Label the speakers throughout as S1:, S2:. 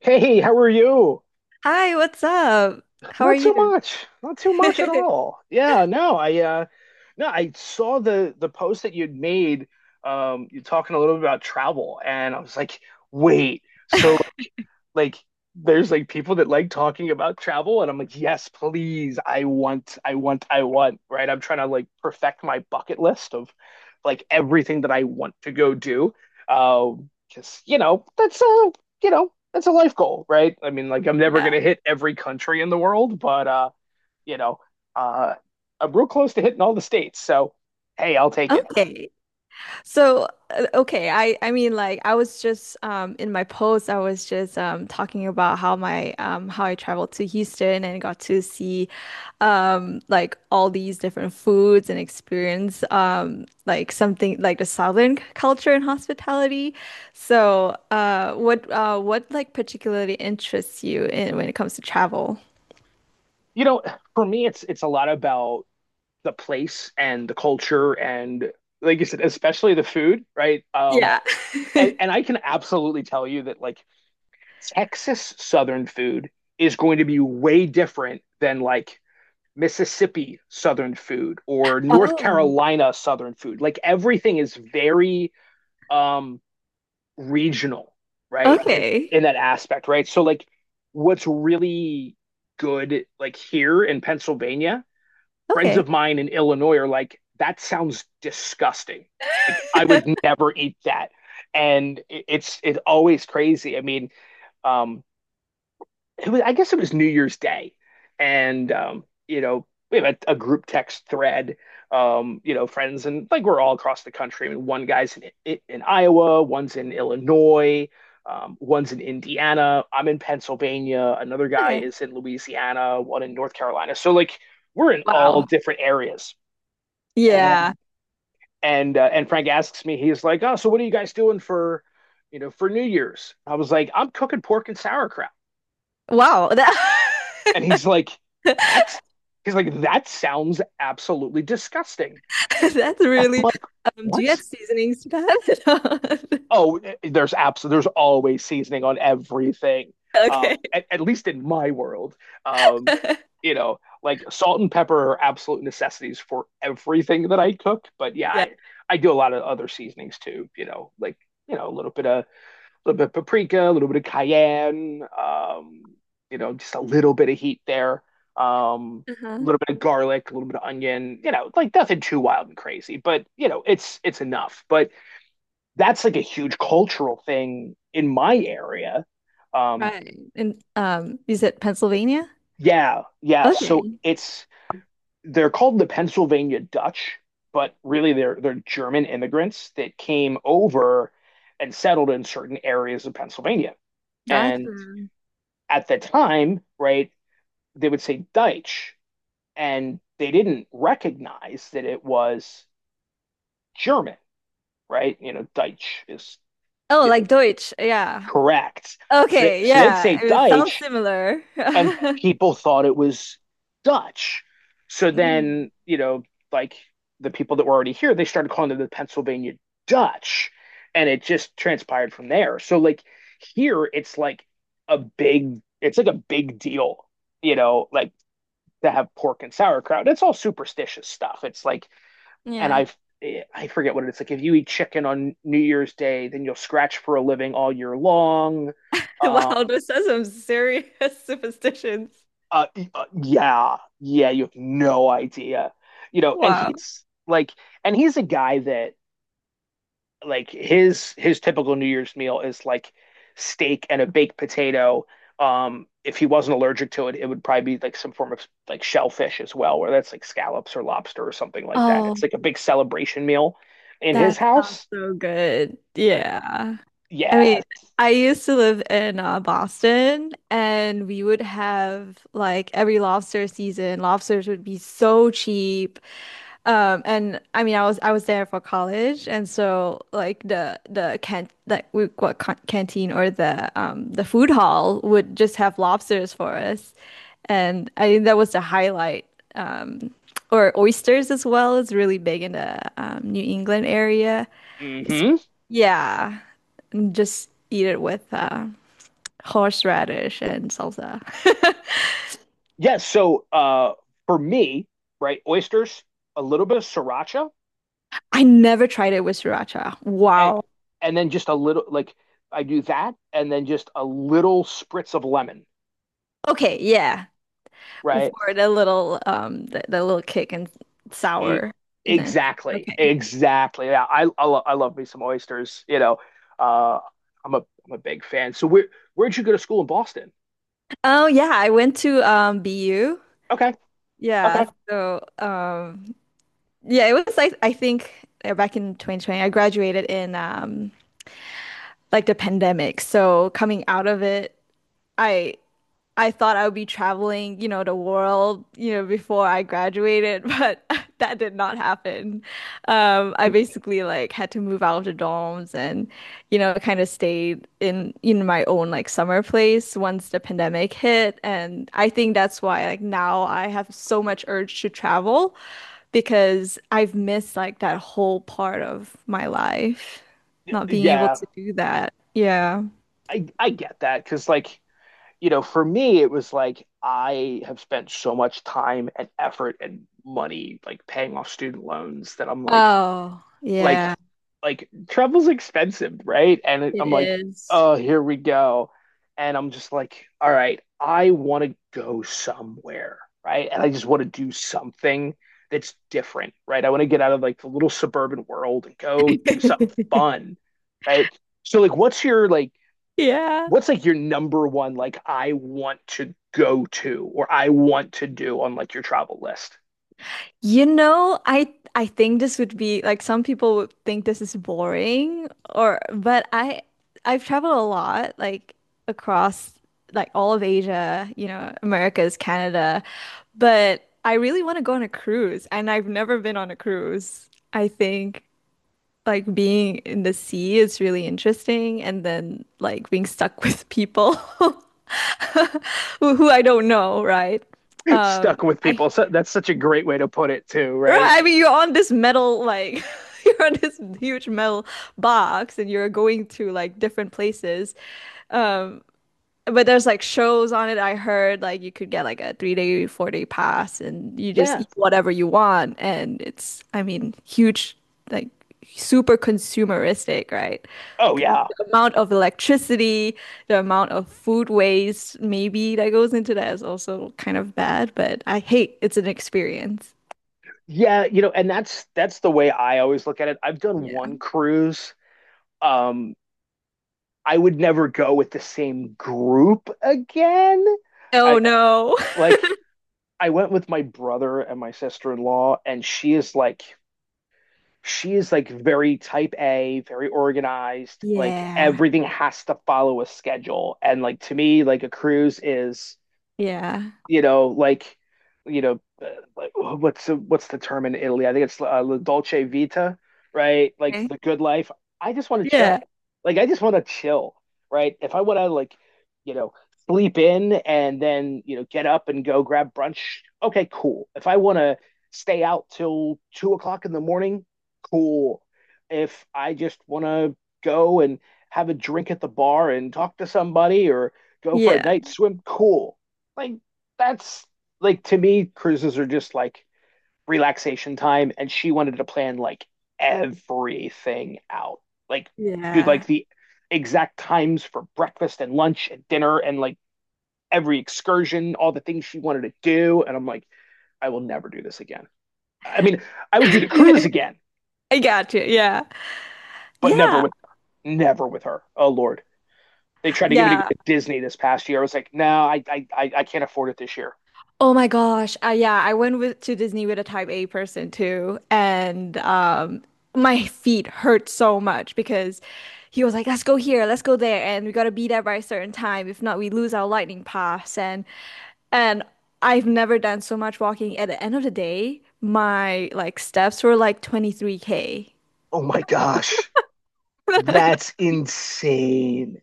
S1: Hey, how are you?
S2: Hi, what's up? How are
S1: Not too
S2: you?
S1: much. Not too much at all. Yeah, no, I no, I saw the post that you'd made, you talking a little bit about travel and I was like, wait. So like there's like people that like talking about travel and I'm like, yes, please. I want, right? I'm trying to like perfect my bucket list of like everything that I want to go do. Because you know, you know, that's a life goal, right? I mean, like I'm never
S2: Yeah.
S1: gonna hit every country in the world, but you know, uh I'm real close to hitting all the states. So hey, I'll take it.
S2: Okay. So, okay, I mean, like, I was just in my post I was just talking about how my how I traveled to Houston and got to see like all these different foods and experience like something like the Southern culture and hospitality. So, what what, like, particularly interests you in when it comes to travel?
S1: You know, for me it's a lot about the place and the culture and like you said, especially the food, right?
S2: Yeah.
S1: And, and I can absolutely tell you that like Texas Southern food is going to be way different than like Mississippi Southern food or North
S2: Oh.
S1: Carolina Southern food. Like everything is very, um, regional, right? In
S2: Okay.
S1: that aspect, right? So like what's really good like here in Pennsylvania, friends
S2: Okay.
S1: of mine in Illinois are like, that sounds disgusting. Like I would never eat that. And it's always crazy. I mean, um, it was, I guess it was New Year's Day. And you know, we have a group text thread, you know, friends, and like we're all across the country. I mean, one guy's in Iowa, one's in Illinois, one's in Indiana, I'm in Pennsylvania, another guy
S2: Okay.
S1: is in Louisiana, one in North Carolina. So, like, we're in all
S2: Wow.
S1: different areas.
S2: Yeah.
S1: And, and Frank asks me, he's like, oh, so what are you guys doing for, you know, for New Year's? I was like, I'm cooking pork and sauerkraut.
S2: Wow. That
S1: And he's like, that's he's like, that sounds absolutely disgusting.
S2: that's
S1: I'm
S2: really
S1: like,
S2: do you add
S1: what?
S2: seasonings to that?
S1: Oh, there's always seasoning on everything.
S2: Okay.
S1: At least in my world. Um, you know, like salt and pepper are absolute necessities for everything that I cook. But yeah,
S2: Yeah.
S1: I do a lot of other seasonings too, you know, you know, a little bit of paprika, a little bit of cayenne, you know, just a little bit of heat there, um, a
S2: Uh-huh.
S1: little bit of garlic, a little bit of onion, you know, like nothing too wild and crazy, but you know, it's enough. But that's like a huge cultural thing in my area. Um,
S2: Right. And you said Pennsylvania?
S1: yeah, yeah. So
S2: Okay.
S1: it's they're called the Pennsylvania Dutch, but really they're German immigrants that came over and settled in certain areas of Pennsylvania.
S2: Gotcha.
S1: And at the time, right, they would say Deutsch, and they didn't recognize that it was German, right? You know, Deutsch is,
S2: Oh,
S1: you know,
S2: like Deutsch. Yeah.
S1: correct. So,
S2: Okay,
S1: so they'd
S2: yeah.
S1: say
S2: It sounds
S1: Deutsch,
S2: similar.
S1: and people thought it was Dutch. So
S2: Mm.
S1: then, you know, like the people that were already here, they started calling it the Pennsylvania Dutch, and it just transpired from there. So like here, it's like it's like a big deal, you know, like that have pork and sauerkraut. It's all superstitious stuff. It's like, and
S2: Yeah.
S1: I've I forget what it is. Like if you eat chicken on New Year's Day, then you'll scratch for a living all year long. Um,
S2: Wow, those are some serious superstitions.
S1: uh, yeah, yeah, you have no idea, you know.
S2: Wow.
S1: And he's a guy that like his typical New Year's meal is like steak and a baked potato. If he wasn't allergic to it, it would probably be like some form of like shellfish as well, where that's like scallops or lobster or something like that. It's
S2: Oh.
S1: like a big celebration meal in his
S2: That sounds
S1: house.
S2: so good.
S1: But
S2: Yeah. I
S1: yeah.
S2: mean, I used to live in Boston, and we would have, like, every lobster season, lobsters would be so cheap. And I mean, I was there for college, and so like the can like we what can canteen, or the food hall would just have lobsters for us. And I think that was the highlight. Um or oysters as well is really big in the New England area.
S1: Hmm.
S2: It's,
S1: Yes.
S2: yeah, just eat it with horseradish and salsa.
S1: Yeah, so for me, right, oysters, a little bit of sriracha,
S2: I never tried it with sriracha.
S1: and
S2: Wow.
S1: and then just a little like I do that, and then just a little spritz of lemon,
S2: Okay, yeah,
S1: right?
S2: for the little the little kick and
S1: Mm.
S2: sourness.
S1: Exactly,
S2: Okay.
S1: exactly. Yeah, I love me some oysters. You know, uh, I'm a big fan. So where'd you go to school in Boston?
S2: Oh yeah, I went to BU.
S1: Okay,
S2: Yeah,
S1: okay.
S2: so yeah, it was like I think back in 2020 I graduated in like the pandemic. So coming out of it, I I thought I would be traveling, you know, the world, you know, before I graduated, but that did not happen. I
S1: Y-
S2: basically like had to move out of the dorms and, you know, kind of stayed in my own like summer place once the pandemic hit. And I think that's why like now I have so much urge to travel because I've missed like that whole part of my life, not being able
S1: Yeah,
S2: to do that. Yeah.
S1: I get that because like, you know, for me it was like I have spent so much time and effort and money like paying off student loans that I'm like,
S2: Oh, yeah,
S1: like travel's expensive, right? And it,
S2: it
S1: I'm like,
S2: is.
S1: oh, here we go. And I'm just like, all right, I want to go somewhere, right? And I just want to do something that's different, right? I want to get out of like the little suburban world and go do something fun, right? So like, what's your like,
S2: Yeah.
S1: what's like your number one like I want to go to or I want to do on like your travel list?
S2: You know, I think this would be like some people would think this is boring or but I I've traveled a lot, like, across like all of Asia, you know, Americas, Canada, but I really want to go on a cruise, and I've never been on a cruise. I think like being in the sea is really interesting, and then like being stuck with people who I don't know, right? Um
S1: Stuck with
S2: I
S1: people. So that's such a great way to put it too,
S2: Right,
S1: right?
S2: I mean, you're on this metal, like, you're on this huge metal box and you're going to like different places. But there's like shows on it. I heard like you could get like a 3 day, 4 day pass and you just
S1: Yeah.
S2: eat whatever you want. And it's, I mean, huge, like, super consumeristic, right?
S1: Oh yeah.
S2: The amount of electricity, the amount of food waste, maybe, that goes into that is also kind of bad, but I hate it's an experience.
S1: Yeah, you know, and that's the way I always look at it. I've done
S2: Yeah.
S1: one cruise. Um, I would never go with the same group again.
S2: Oh
S1: I
S2: no.
S1: Like I went with my brother and my sister-in-law and she is like very type A, very organized. Like
S2: Yeah,
S1: everything has to follow a schedule. And like to me, like a cruise is,
S2: yeah.
S1: you know, like, you know, what's the term in Italy? I think it's La Dolce Vita, right? Like
S2: Okay.
S1: the good life. I just want to chill.
S2: Yeah,
S1: Like I just want to chill, right? If I want to like, you know, sleep in and then, you know, get up and go grab brunch, okay, cool. If I want to stay out till 2 o'clock in the morning, cool. If I just want to go and have a drink at the bar and talk to somebody or go for a
S2: yeah,
S1: night swim, cool. Like that's like to me, cruises are just like relaxation time, and she wanted to plan like everything out, like do
S2: yeah.
S1: like the exact times for breakfast and lunch and dinner and like every excursion, all the things she wanted to do, and I'm like, I will never do this again. I mean, I would do the cruise again,
S2: I got you. Yeah,
S1: but never
S2: yeah,
S1: with her. Never with her. Oh Lord. They tried to get me to go
S2: yeah.
S1: to Disney this past year. I was like, no, I can't afford it this year.
S2: Oh my gosh. Yeah, I went with to Disney with a type A person too, and my feet hurt so much because he was like, "Let's go here, let's go there, and we gotta be there by a certain time. If not, we lose our lightning pass." And I've never done so much walking. At the end of the day, my like steps were like 23K.
S1: Oh my gosh. That's insane.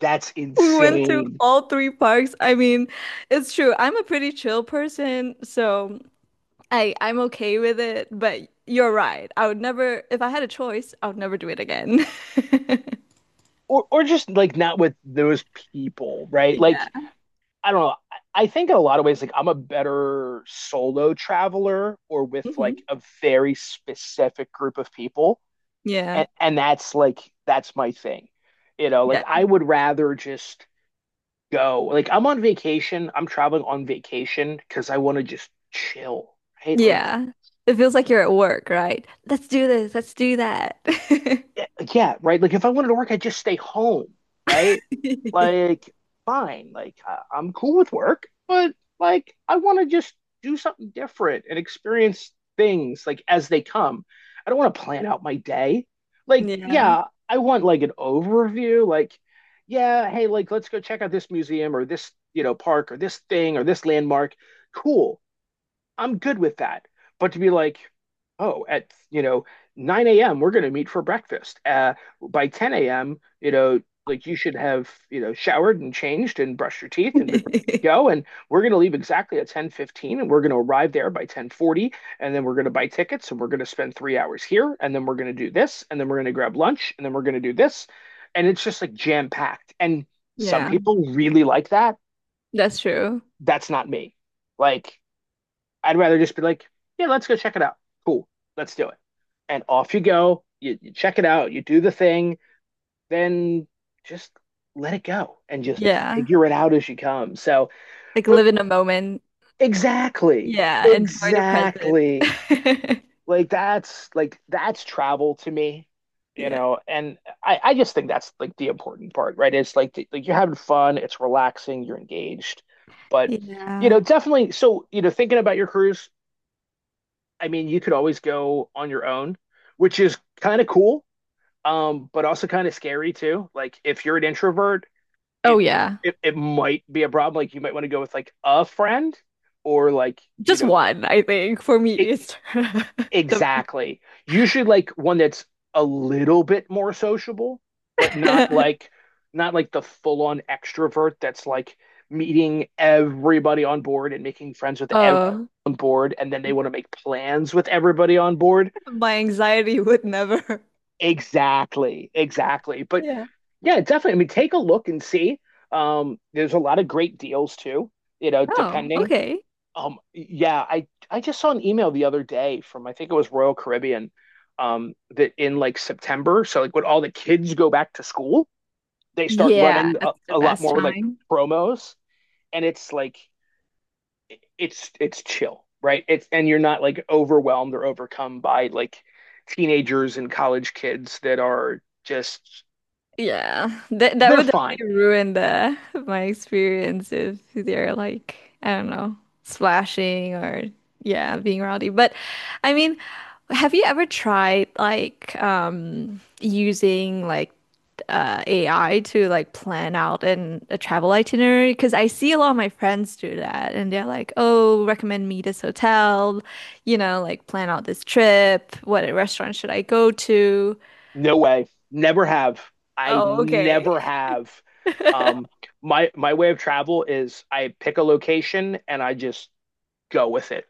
S1: That's
S2: We went to
S1: insane.
S2: all three parks. I mean, it's true. I'm a pretty chill person, so I'm okay with it, but you're right. I would never, if I had a choice, I would never do it again.
S1: Or just like not with those people, right? Like
S2: Yeah.
S1: I don't know. I think in a lot of ways, like I'm a better solo traveler or with
S2: Hmm.
S1: like a very specific group of people.
S2: Yeah.
S1: And that's like that's my thing. You know, like
S2: Yeah.
S1: I would rather just go. Like I'm on vacation. I'm traveling on vacation because I want to just chill, right? Like
S2: Yeah. It feels like you're at work, right? Let's do this. Let's do that.
S1: yeah, right. Like if I wanted to work, I'd just stay home, right? Like fine, I'm cool with work, but like I want to just do something different and experience things like as they come. I don't want to plan out my day. Like
S2: Yeah.
S1: yeah, I want like an overview, like yeah, hey, like let's go check out this museum or this, you know, park or this thing or this landmark. Cool. I'm good with that. But to be like, oh, at you know 9 a.m. we're going to meet for breakfast. By 10 a.m. you know like you should have you know showered and changed and brushed your teeth and been ready to go. And we're going to leave exactly at 10:15 and we're going to arrive there by 10:40 and then we're going to buy tickets and we're going to spend 3 hours here and then we're going to do this and then we're going to grab lunch and then we're going to do this. And it's just like jam packed. And some
S2: Yeah.
S1: people really like that.
S2: That's true.
S1: That's not me. Like I'd rather just be like, yeah, let's go check it out. Cool, let's do it. And off you go. You check it out, you do the thing, then just let it go and just
S2: Yeah.
S1: figure it out as you come. So,
S2: Like
S1: but
S2: live in a moment.
S1: exactly,
S2: Yeah. Enjoy the present.
S1: exactly. Like that's travel to me, you
S2: Yeah.
S1: know, and I just think that's like the important part, right? It's like like you're having fun, it's relaxing, you're engaged, but you
S2: Yeah.
S1: know, definitely. So, you know, thinking about your cruise, I mean, you could always go on your own, which is kind of cool, but also kind of scary too. Like if you're an introvert,
S2: Oh,
S1: it,
S2: yeah.
S1: it might be a problem. Like you might want to go with like a friend or like, you
S2: Just
S1: know,
S2: one, I think, for me
S1: e-
S2: is the
S1: exactly. Usually like one that's a little bit more sociable, but not
S2: math.
S1: like not like the full-on extrovert that's like meeting everybody on board and making friends with everyone
S2: Oh.
S1: on board and then they want to make plans with everybody on board.
S2: My anxiety would never.
S1: Exactly, exactly. But
S2: Yeah.
S1: yeah, definitely. I mean, take a look and see. There's a lot of great deals too, you know,
S2: Oh,
S1: depending.
S2: okay.
S1: Yeah, I just saw an email the other day from I think it was Royal Caribbean, that in like September, so like when all the kids go back to school, they start
S2: Yeah,
S1: running
S2: that's the
S1: a lot
S2: best
S1: more like
S2: time.
S1: promos, and it's like it's chill, right? It's and you're not like overwhelmed or overcome by like teenagers and college kids that are just
S2: Yeah. That that
S1: They're
S2: would
S1: fine.
S2: definitely ruin the my experience if they're like, I don't know, splashing or yeah, being rowdy. But I mean, have you ever tried like using like AI to like plan out an a travel itinerary? Because I see a lot of my friends do that, and they're like, "Oh, recommend me this hotel, you know, like plan out this trip, what restaurant should I go to?"
S1: No way. Never have. I
S2: Oh, okay.
S1: never have. Um, my way of travel is I pick a location and I just go with it.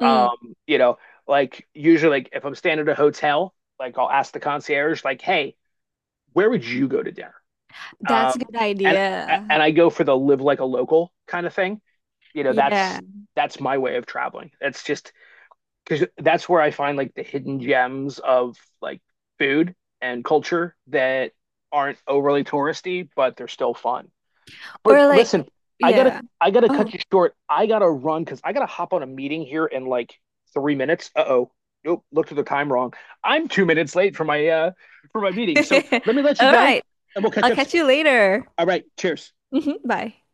S2: Mm,
S1: You know, like usually like if I'm staying at a hotel, like I'll ask the concierge, like, hey, where would you go to dinner?
S2: that's
S1: Um,
S2: a good
S1: and
S2: idea.
S1: and I go for the live like a local kind of thing. You know,
S2: Yeah.
S1: that's my way of traveling. It's just because that's where I find like the hidden gems of like food and culture that aren't overly touristy, but they're still fun. But
S2: Or like
S1: listen, I gotta
S2: yeah.
S1: I gotta cut
S2: Oh.
S1: you short. I gotta run because I gotta hop on a meeting here in like 3 minutes. Uh oh. Nope, looked at the time wrong. I'm 2 minutes late for my meeting. So let me let you
S2: All
S1: go
S2: right.
S1: and we'll catch
S2: I'll
S1: up soon.
S2: catch you later.
S1: All right, cheers.
S2: Mhm. Bye.